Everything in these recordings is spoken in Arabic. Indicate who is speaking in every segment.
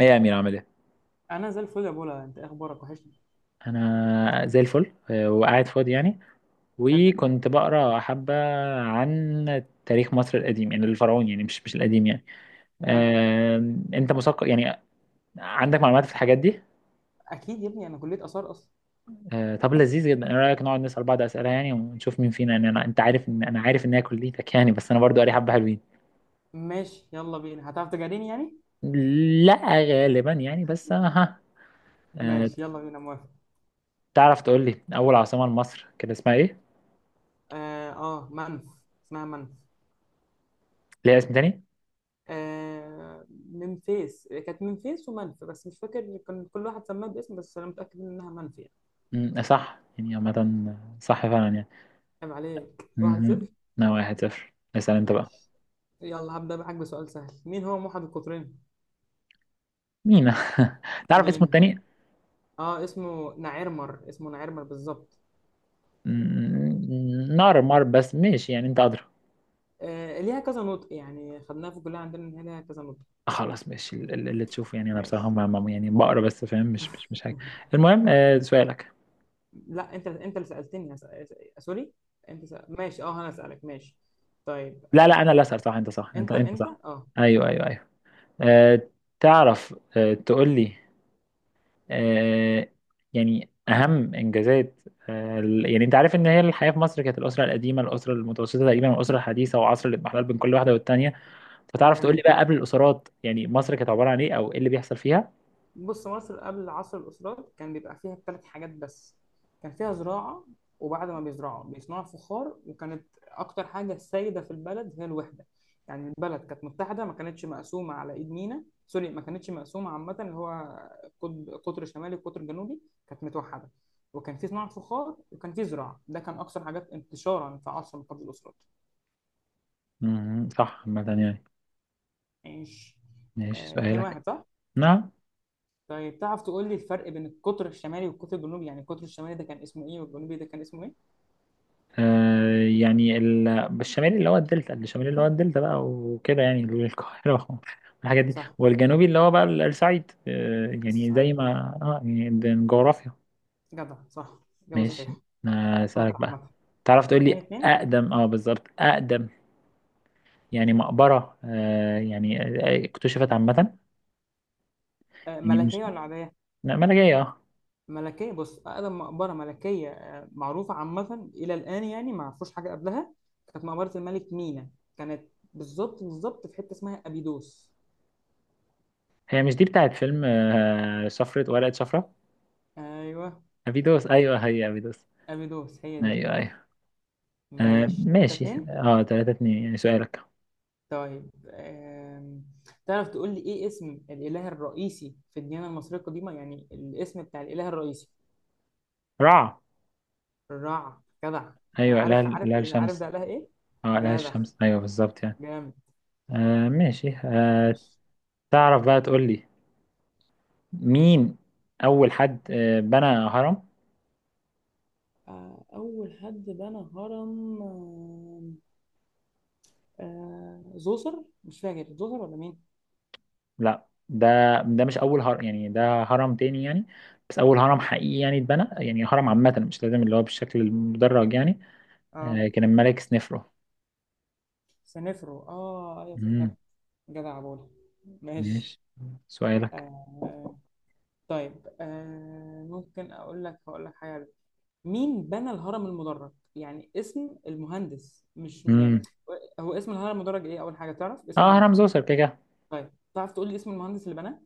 Speaker 1: ايه يا امير، عامل ايه؟
Speaker 2: انا زي الفل يا بولا، انت إيه اخبارك؟ وحشني.
Speaker 1: انا زي الفل، وقاعد فاضي يعني.
Speaker 2: حلو.
Speaker 1: وكنت بقرا حبه عن تاريخ مصر القديم، يعني الفرعوني، يعني مش القديم يعني.
Speaker 2: حلو.
Speaker 1: انت مثقف، يعني عندك معلومات في الحاجات دي؟
Speaker 2: اكيد يا ابني، انا كليه اثار اصلا.
Speaker 1: طب لذيذ جدا. ايه رايك نقعد نسال بعض اسئله يعني، ونشوف مين فينا يعني، انت عارف ان انا عارف ان هي كليتك يعني، بس انا برضو قاري حبه حلوين.
Speaker 2: ماشي يلا بينا، هتعرف تجاريني يعني؟
Speaker 1: لا غالبا يعني، بس ها. آه،
Speaker 2: ماشي يلا بينا، موافق.
Speaker 1: تعرف تقول لي اول عاصمه لمصر كان اسمها ايه؟
Speaker 2: اه, آه منف. اسمها منف.
Speaker 1: ليها اسم تاني؟
Speaker 2: آه منفيس، كانت منفيس ومنف بس مش فاكر كان كل واحد سماه باسم، بس انا متاكد انها منف يعني.
Speaker 1: صح يعني عامه، صح فعلا يعني.
Speaker 2: عيب عليك، واحد
Speaker 1: مهم.
Speaker 2: صفر.
Speaker 1: انا 1-0، اسأل انت بقى.
Speaker 2: ماشي، يلا هبدا معاك بسؤال سهل. مين هو موحد القطرين؟
Speaker 1: مينا. تعرف اسمه
Speaker 2: مين؟
Speaker 1: التاني؟
Speaker 2: اه اسمه نعيرمر، اسمه نعيرمر بالظبط.
Speaker 1: نار مار، بس ماشي يعني، انت ادرى.
Speaker 2: ليها كذا نطق يعني، خدناها في الكلية عندنا إن هي ليها كذا نطق.
Speaker 1: خلاص ماشي، اللي تشوفه يعني. انا
Speaker 2: ماشي.
Speaker 1: بصراحة يعني بقرا بس فاهم مش حاجة.
Speaker 2: مهم.
Speaker 1: المهم، سؤالك.
Speaker 2: لا أنت، أنت اللي سألتني. سوري. ماشي أه، أنا أسألك. ماشي طيب.
Speaker 1: لا لا، انا اللي اسأل. صح انت، صح، انت
Speaker 2: أنت
Speaker 1: انت
Speaker 2: أنت
Speaker 1: صح.
Speaker 2: أه.
Speaker 1: ايوه، ايوه، ايوه. آه تعرف تقول لي آه يعني اهم انجازات. يعني انت عارف ان هي الحياة في مصر، كانت الاسرة القديمة، الاسرة المتوسطة تقريبا، والاسرة الحديثة، وعصر الاضمحلال بين كل واحدة والتانية.
Speaker 2: كلام
Speaker 1: فتعرف تقول لي
Speaker 2: جميل.
Speaker 1: بقى، قبل الاسرات، يعني مصر كانت عباره عن ايه او ايه اللي بيحصل فيها؟
Speaker 2: بص، مصر قبل عصر الأسرات كان بيبقى فيها ثلاث حاجات بس. كان فيها زراعة، وبعد ما بيزرعوا بيصنعوا فخار، وكانت أكتر حاجة سائدة في البلد هي الوحدة. يعني البلد كانت متحدة، ما كانتش مقسومة على إيد مينا، سوري ما كانتش مقسومة، عامة اللي هو قطب، قطر شمالي وقطر جنوبي. كانت متوحدة، وكان في صناعة فخار وكان في زراعة. ده كان أكثر حاجات انتشارا في عصر من قبل الأسرات.
Speaker 1: مم. صح عامة يعني.
Speaker 2: عيش.
Speaker 1: ماشي،
Speaker 2: اتنين
Speaker 1: سؤالك.
Speaker 2: واحد صح؟
Speaker 1: نعم.
Speaker 2: طيب، تعرف تقول لي الفرق بين القطر الشمالي والقطر الجنوبي؟ يعني القطر الشمالي ده كان اسمه ايه، والجنوبي ده كان اسمه ايه؟
Speaker 1: آه يعني ال- الشمالي اللي هو الدلتا، بقى وكده يعني القاهره والحاجات دي،
Speaker 2: صح.
Speaker 1: والجنوبي اللي هو بقى الصعيد،
Speaker 2: بس
Speaker 1: يعني زي
Speaker 2: صحيح.
Speaker 1: ما يعني ده الجغرافيا.
Speaker 2: جدع، صح. إجابة
Speaker 1: ماشي،
Speaker 2: صحيحة.
Speaker 1: اسالك
Speaker 2: شاطر
Speaker 1: بقى.
Speaker 2: عامة.
Speaker 1: تعرف تقول
Speaker 2: اتنين
Speaker 1: لي
Speaker 2: اتنين.
Speaker 1: اقدم، بالظبط اقدم، يعني مقبره، يعني اكتشفت عامه،
Speaker 2: آه،
Speaker 1: يعني
Speaker 2: ملكية
Speaker 1: مش...
Speaker 2: ولا عادية؟
Speaker 1: لا، ملاجئيه اه
Speaker 2: ملكية. بص، أقدم مقبرة ملكية آه معروفة عامة إلى الآن، يعني ما عرفوش حاجة قبلها، كانت مقبرة الملك مينا. كانت بالظبط بالظبط في حتة اسمها أبيدوس.
Speaker 1: هي مش دي بتاعت فيلم، شفرة ورقة شفرة؟
Speaker 2: أيوه.
Speaker 1: أبيدوس؟ أيوه هي أبيدوس.
Speaker 2: أبيدوس هي دي.
Speaker 1: أيوه، أيوه.
Speaker 2: ماشي، تلاتة
Speaker 1: ماشي،
Speaker 2: اتنين.
Speaker 1: 3-2 يعني، سؤالك.
Speaker 2: طيب تعرف تقول لي ايه اسم الاله الرئيسي في الديانه المصريه القديمه؟ يعني الاسم بتاع الاله الرئيسي.
Speaker 1: رع.
Speaker 2: الرع، جدع.
Speaker 1: أيوه، لا
Speaker 2: عارف عارف.
Speaker 1: لا،
Speaker 2: عارف
Speaker 1: الشمس.
Speaker 2: ده اله ايه.
Speaker 1: لا،
Speaker 2: جدع.
Speaker 1: الشمس أيوه بالظبط يعني.
Speaker 2: جامد.
Speaker 1: ماشي.
Speaker 2: ماشي.
Speaker 1: تعرف بقى تقول لي، مين أول حد بنى هرم؟
Speaker 2: اول حد بنى هرم. زوسر، مش فاكر زوسر ولا مين.
Speaker 1: لا، ده ده مش أول هرم يعني، ده هرم تاني يعني. بس أول هرم حقيقي يعني اتبنى يعني، هرم عامة، مش لازم اللي هو بالشكل المدرج يعني.
Speaker 2: اه
Speaker 1: كان الملك سنفرو.
Speaker 2: سنفرو، اه ايوه
Speaker 1: مم.
Speaker 2: افتكرت. جدع بولا. ماشي.
Speaker 1: ماشي، سؤالك.
Speaker 2: آه، طيب ممكن اقول لك، هقول لك حاجه. مين بنى الهرم المدرج؟ يعني اسم المهندس، مش يعني
Speaker 1: امم
Speaker 2: هو اسم الهرم المدرج ايه، اول حاجه تعرف اسمه
Speaker 1: اه
Speaker 2: ايه.
Speaker 1: هرم زوسر كده كده.
Speaker 2: طيب تعرف تقول لي اسم المهندس اللي بناه؟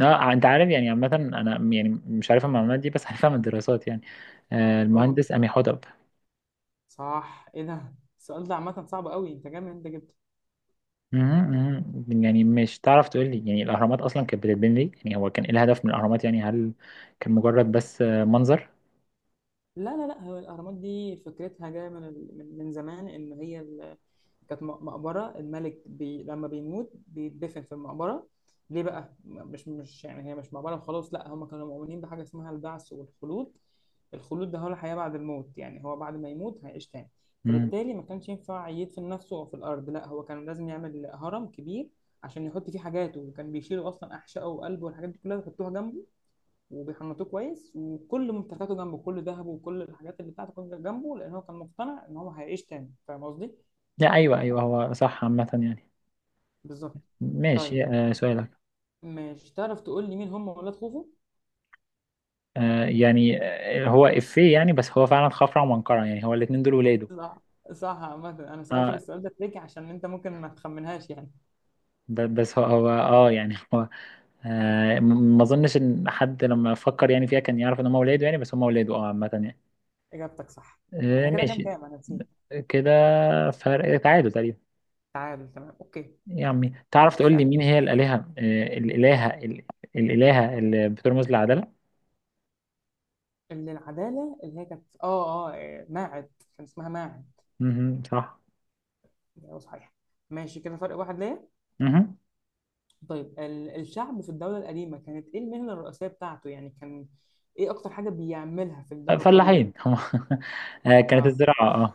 Speaker 1: اه انت عارف يعني، عامة انا يعني مش عارف المعلومات دي بس عارفها من الدراسات يعني.
Speaker 2: اوه.
Speaker 1: المهندس أمي حدب.
Speaker 2: صح، ايه ده؟ السؤال ده عامه صعب قوي، انت جامد انت جدا.
Speaker 1: مهم، مهم. يعني مش تعرف تقول لي يعني، الاهرامات اصلا كانت بتتبني ليه؟ يعني هو كان ايه الهدف من الاهرامات؟ يعني هل كان مجرد بس، منظر؟
Speaker 2: لا لا لا، هو الأهرامات دي فكرتها جاية من من زمان، إن هي ال- كانت مقبرة الملك بي، لما بيموت بيتدفن في المقبرة. ليه بقى؟ مش يعني هي مش مقبرة وخلاص، لا هم كانوا مؤمنين بحاجة اسمها البعث والخلود. الخلود ده هو الحياة بعد الموت، يعني هو بعد ما يموت هيعيش تاني.
Speaker 1: امم
Speaker 2: فبالتالي ما كانش ينفع يدفن نفسه أو في الأرض، لا هو كان لازم يعمل هرم كبير عشان يحط فيه حاجاته. وكان بيشيلوا أصلا أحشائه وقلبه والحاجات دي كلها ويحطوها جنبه، وبيحنطوه كويس، وكل ممتلكاته جنبه، كل ذهبه وكل الحاجات اللي بتاعته كانت جنبه، لان هو كان مقتنع ان هو هيعيش تاني. فاهم قصدي؟
Speaker 1: لا، ايوه ايوه، هو صح عامة يعني.
Speaker 2: بالظبط.
Speaker 1: ماشي،
Speaker 2: طيب،
Speaker 1: سؤالك.
Speaker 2: مش تعرف تقول لي مين هم ولاد خوفو؟
Speaker 1: يعني هو افيه يعني، بس هو فعلا خفرع ومنقرع يعني، هو الاتنين دول ولاده.
Speaker 2: صح. صح عامة، انا سألتك
Speaker 1: اه
Speaker 2: السؤال ده تريكي عشان انت ممكن ما تخمنهاش يعني.
Speaker 1: بس هو يعني. ما اظنش ان حد لما فكر يعني فيها كان يعرف ان هم ولاده يعني، بس هم ولاده عامه يعني.
Speaker 2: اجابتك صح. احنا كده كام
Speaker 1: ماشي
Speaker 2: كام؟ انا نسيت.
Speaker 1: كده، فرق تعادل تقريبا.
Speaker 2: تعادل، تمام، اوكي.
Speaker 1: يا عمي، تعرف تقول لي
Speaker 2: اسألني.
Speaker 1: مين هي الالهه، الالهه اللي بترمز للعداله؟
Speaker 2: اللي العدالة، اللي هي كانت اه اه إيه، ماعد. كان اسمها ماعد.
Speaker 1: مهم، صح.
Speaker 2: ايوه صحيح. ماشي كده، فرق واحد ليا.
Speaker 1: مهم.
Speaker 2: طيب، الشعب في الدولة القديمة كانت إيه المهنة الرئيسية بتاعته؟ يعني كان إيه أكتر حاجة بيعملها في الدولة القديمة؟
Speaker 1: فلاحين هم. كانت
Speaker 2: آه.
Speaker 1: الزراعه اه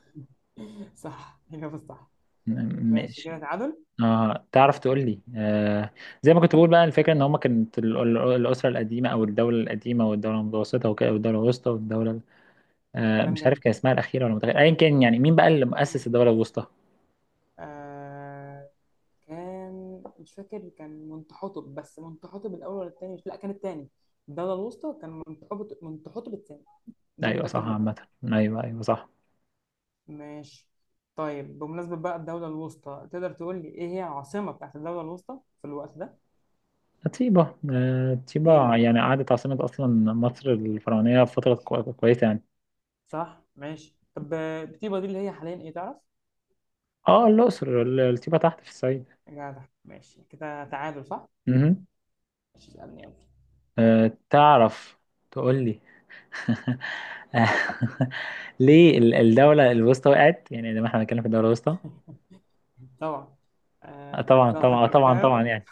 Speaker 2: صح، الإجابة الصح. ماشي كده
Speaker 1: ماشي.
Speaker 2: تعادل.
Speaker 1: اه تعرف
Speaker 2: ماشي.
Speaker 1: تقول لي. زي ما كنت بقول بقى، الفكره ان هم كانت الاسره القديمه او الدوله القديمه، والدوله المتوسطه وكده، والدوله الوسطى، والدوله...
Speaker 2: كلام
Speaker 1: مش عارف
Speaker 2: جميل.
Speaker 1: كان اسمها الأخيرة ولا متأخرة، أيا كان، يعني مين بقى اللي مؤسس
Speaker 2: مم.
Speaker 1: الدولة الوسطى؟
Speaker 2: آه، كان مش فاكر كان منتحوتب، بس منتحوتب الأول ولا التاني، مش لا كان التاني. الدولة الوسطى كان منتحوتب، منتحوتب التاني. دي اللي
Speaker 1: أيوه
Speaker 2: متأكد
Speaker 1: صح
Speaker 2: منها.
Speaker 1: عامة، أيوه أيوه صح.
Speaker 2: ماشي. طيب بمناسبة بقى الدولة الوسطى، تقدر تقول لي إيه هي العاصمة بتاعت الدولة الوسطى في الوقت ده؟
Speaker 1: طيبة،
Speaker 2: إيه
Speaker 1: طيبة
Speaker 2: بقى؟
Speaker 1: يعني قعدت عاصمة أصلا مصر الفرعونية فترة كويسة يعني.
Speaker 2: صح ماشي. طب بتبقى دي اللي هي حاليا ايه، تعرف؟
Speaker 1: الأقصر، طيبة تحت في الصعيد.
Speaker 2: جدع، ماشي كده تعادل صح.
Speaker 1: مهم.
Speaker 2: ماشي، اسألني يلا.
Speaker 1: تعرف تقول لي آه، ليه الدولة الوسطى وقعت؟ يعني لما احنا بنتكلم في الدولة الوسطى.
Speaker 2: طبعا. آه،
Speaker 1: طبعا
Speaker 2: ضعف
Speaker 1: طبعا طبعا
Speaker 2: الحكام.
Speaker 1: طبعا يعني.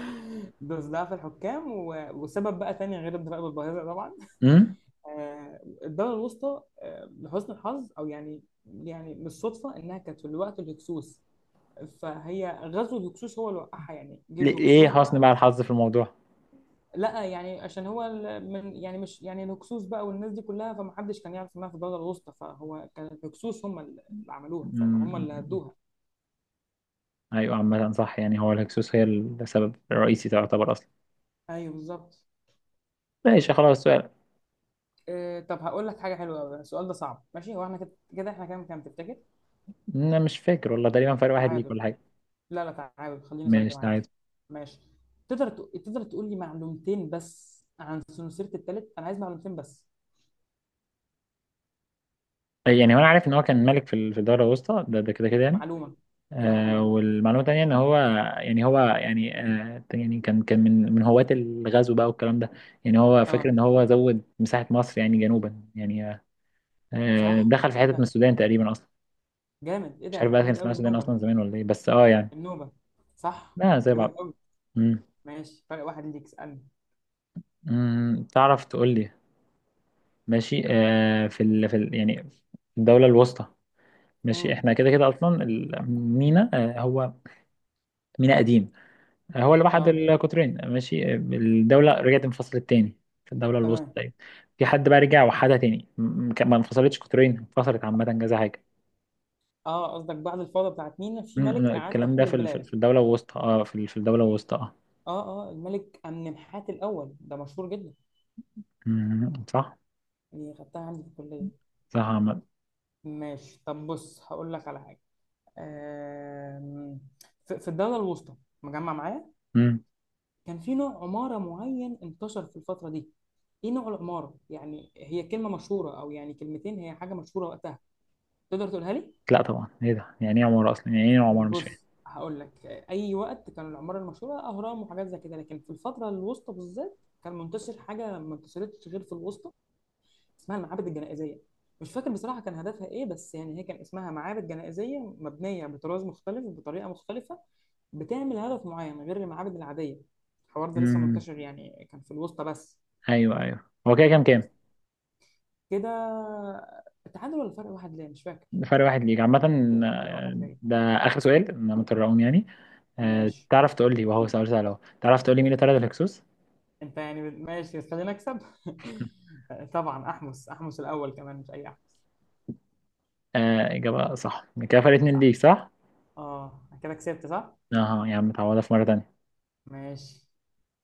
Speaker 2: دوس ضعف الحكام و... وسبب بقى تاني غير الضرائب الباهظة طبعا.
Speaker 1: مم؟
Speaker 2: آه الدولة الوسطى آه لحسن الحظ، او يعني يعني مش صدفة انها كانت في الوقت الهكسوس، فهي غزو الهكسوس هو اللي وقعها. يعني جه
Speaker 1: إيه
Speaker 2: الهكسوس
Speaker 1: حسن
Speaker 2: بقى.
Speaker 1: بقى الحظ في الموضوع؟
Speaker 2: لا يعني عشان هو ال- من، يعني مش يعني الهكسوس بقى والناس دي كلها، فمحدش كان يعرف انها في الدوله الوسطى، فهو كان الهكسوس هم اللي عملوها، فاهم؟ هم اللي
Speaker 1: مم.
Speaker 2: هدوها.
Speaker 1: ايوه عامة صح يعني، هو الهكسوس هي السبب الرئيسي تعتبر اصلا.
Speaker 2: ايوه بالظبط.
Speaker 1: ماشي خلاص، السؤال.
Speaker 2: إيه، طب هقول لك حاجه حلوه قوي، السؤال ده صعب. ماشي، هو احنا كده كده، احنا كام كام تفتكر؟
Speaker 1: انا مش فاكر والله، تقريبا فرق واحد ليك
Speaker 2: تعادل.
Speaker 1: ولا حاجة.
Speaker 2: لا لا، تعادل خليني صريح
Speaker 1: ماشي، تعادل.
Speaker 2: معاك. ماشي. تقدر تقول لي معلومتين بس عن سنسيره التالت؟ انا عايز معلومتين بس.
Speaker 1: يعني هو انا عارف ان هو كان ملك في الدولة الوسطى، ده كده كده يعني.
Speaker 2: معلومه. كده معلومه.
Speaker 1: والمعلومة التانية ان هو يعني هو يعني، يعني كان من هواة الغزو بقى والكلام ده. يعني هو فاكر
Speaker 2: اه
Speaker 1: ان هو زود مساحة مصر يعني جنوبا، يعني.
Speaker 2: صح،
Speaker 1: دخل في
Speaker 2: ايه
Speaker 1: حتة من
Speaker 2: ده
Speaker 1: السودان تقريبا اصلا.
Speaker 2: جامد؟ ايه
Speaker 1: مش عارف
Speaker 2: ده
Speaker 1: بقى كان
Speaker 2: جامد
Speaker 1: اسمها
Speaker 2: قوي؟
Speaker 1: السودان
Speaker 2: النوبه.
Speaker 1: اصلا زمان ولا ايه، بس يعني.
Speaker 2: النوبه. صح
Speaker 1: لا، زي
Speaker 2: جامد
Speaker 1: بعض.
Speaker 2: قوي.
Speaker 1: مم.
Speaker 2: ماشي، فرق واحد ليك. اسألني.
Speaker 1: مم. تعرف تقول لي، ماشي يعني في الدولة الوسطى. ماشي
Speaker 2: امم.
Speaker 1: احنا كده كده، اصلا المينا هو مينا قديم. هو اللي وحد
Speaker 2: اه.
Speaker 1: القطرين. ماشي، الدولة رجعت انفصلت تاني في الدولة الوسطى
Speaker 2: تمام.
Speaker 1: تقريبا. في حد بقى رجع وحدها تاني؟ ما انفصلتش قطرين، انفصلت عامة كذا حاجة.
Speaker 2: اه قصدك بعد الفوضى بتاعت مينا في ملك أعاد
Speaker 1: الكلام ده
Speaker 2: توحيد
Speaker 1: في
Speaker 2: البلاد.
Speaker 1: الدولة الوسطى في الدولة الوسطى اه
Speaker 2: اه اه، الملك أمنمحات الأول ده مشهور جدا.
Speaker 1: صح.
Speaker 2: دي خدتها عندي في الكلية.
Speaker 1: صح عامة.
Speaker 2: ماشي، طب بص هقول لك على حاجة. آم... في الدولة الوسطى، مجمع معايا؟
Speaker 1: م.
Speaker 2: كان في نوع عمارة معين انتشر في الفترة دي، ايه نوع العمارة؟ يعني هي كلمة مشهورة، أو يعني كلمتين، هي حاجة مشهورة وقتها، تقدر تقولها لي؟
Speaker 1: لا طبعا، ايه ده؟ يعني ايه عمارة اصلا؟ يعني ايه عمارة؟ مش فاهم.
Speaker 2: بص هقول لك، اي وقت كان العماره المشهوره اهرام وحاجات زي كده، لكن في الفتره الوسطى بالذات كان منتشر حاجه ما انتشرتش غير في الوسطى، اسمها المعابد الجنائزيه. مش فاكر بصراحه كان هدفها ايه، بس يعني هي كان اسمها معابد جنائزيه مبنيه بطراز مختلف، بطريقه مختلفه، بتعمل هدف معين غير المعابد العاديه. الحوار ده لسه
Speaker 1: م.
Speaker 2: منتشر، يعني كان في الوسطى بس.
Speaker 1: ايوه ايوه، هو كده كام
Speaker 2: بس
Speaker 1: كام؟
Speaker 2: كده، التعادل ولا فرق واحد ليه مش فاكر.
Speaker 1: فرق واحد ليك عامة.
Speaker 2: فرق
Speaker 1: آه،
Speaker 2: واحد ليه.
Speaker 1: ده آخر سؤال، أنا مترقم يعني.
Speaker 2: ماشي.
Speaker 1: تعرف تقول لي، وهو سؤال سهل أهو، تعرف تقول لي مين اللي طرد الهكسوس؟
Speaker 2: انت يعني ماشي بس خلينا نكسب. طبعا احمس، احمس الاول، كمان مش اي احمس.
Speaker 1: إجابة صح، كده فرق اتنين ليك،
Speaker 2: صح.
Speaker 1: صح؟
Speaker 2: اه، أنا كده كسبت صح.
Speaker 1: أها يا عم، تعوضها في مرة تانية.
Speaker 2: ماشي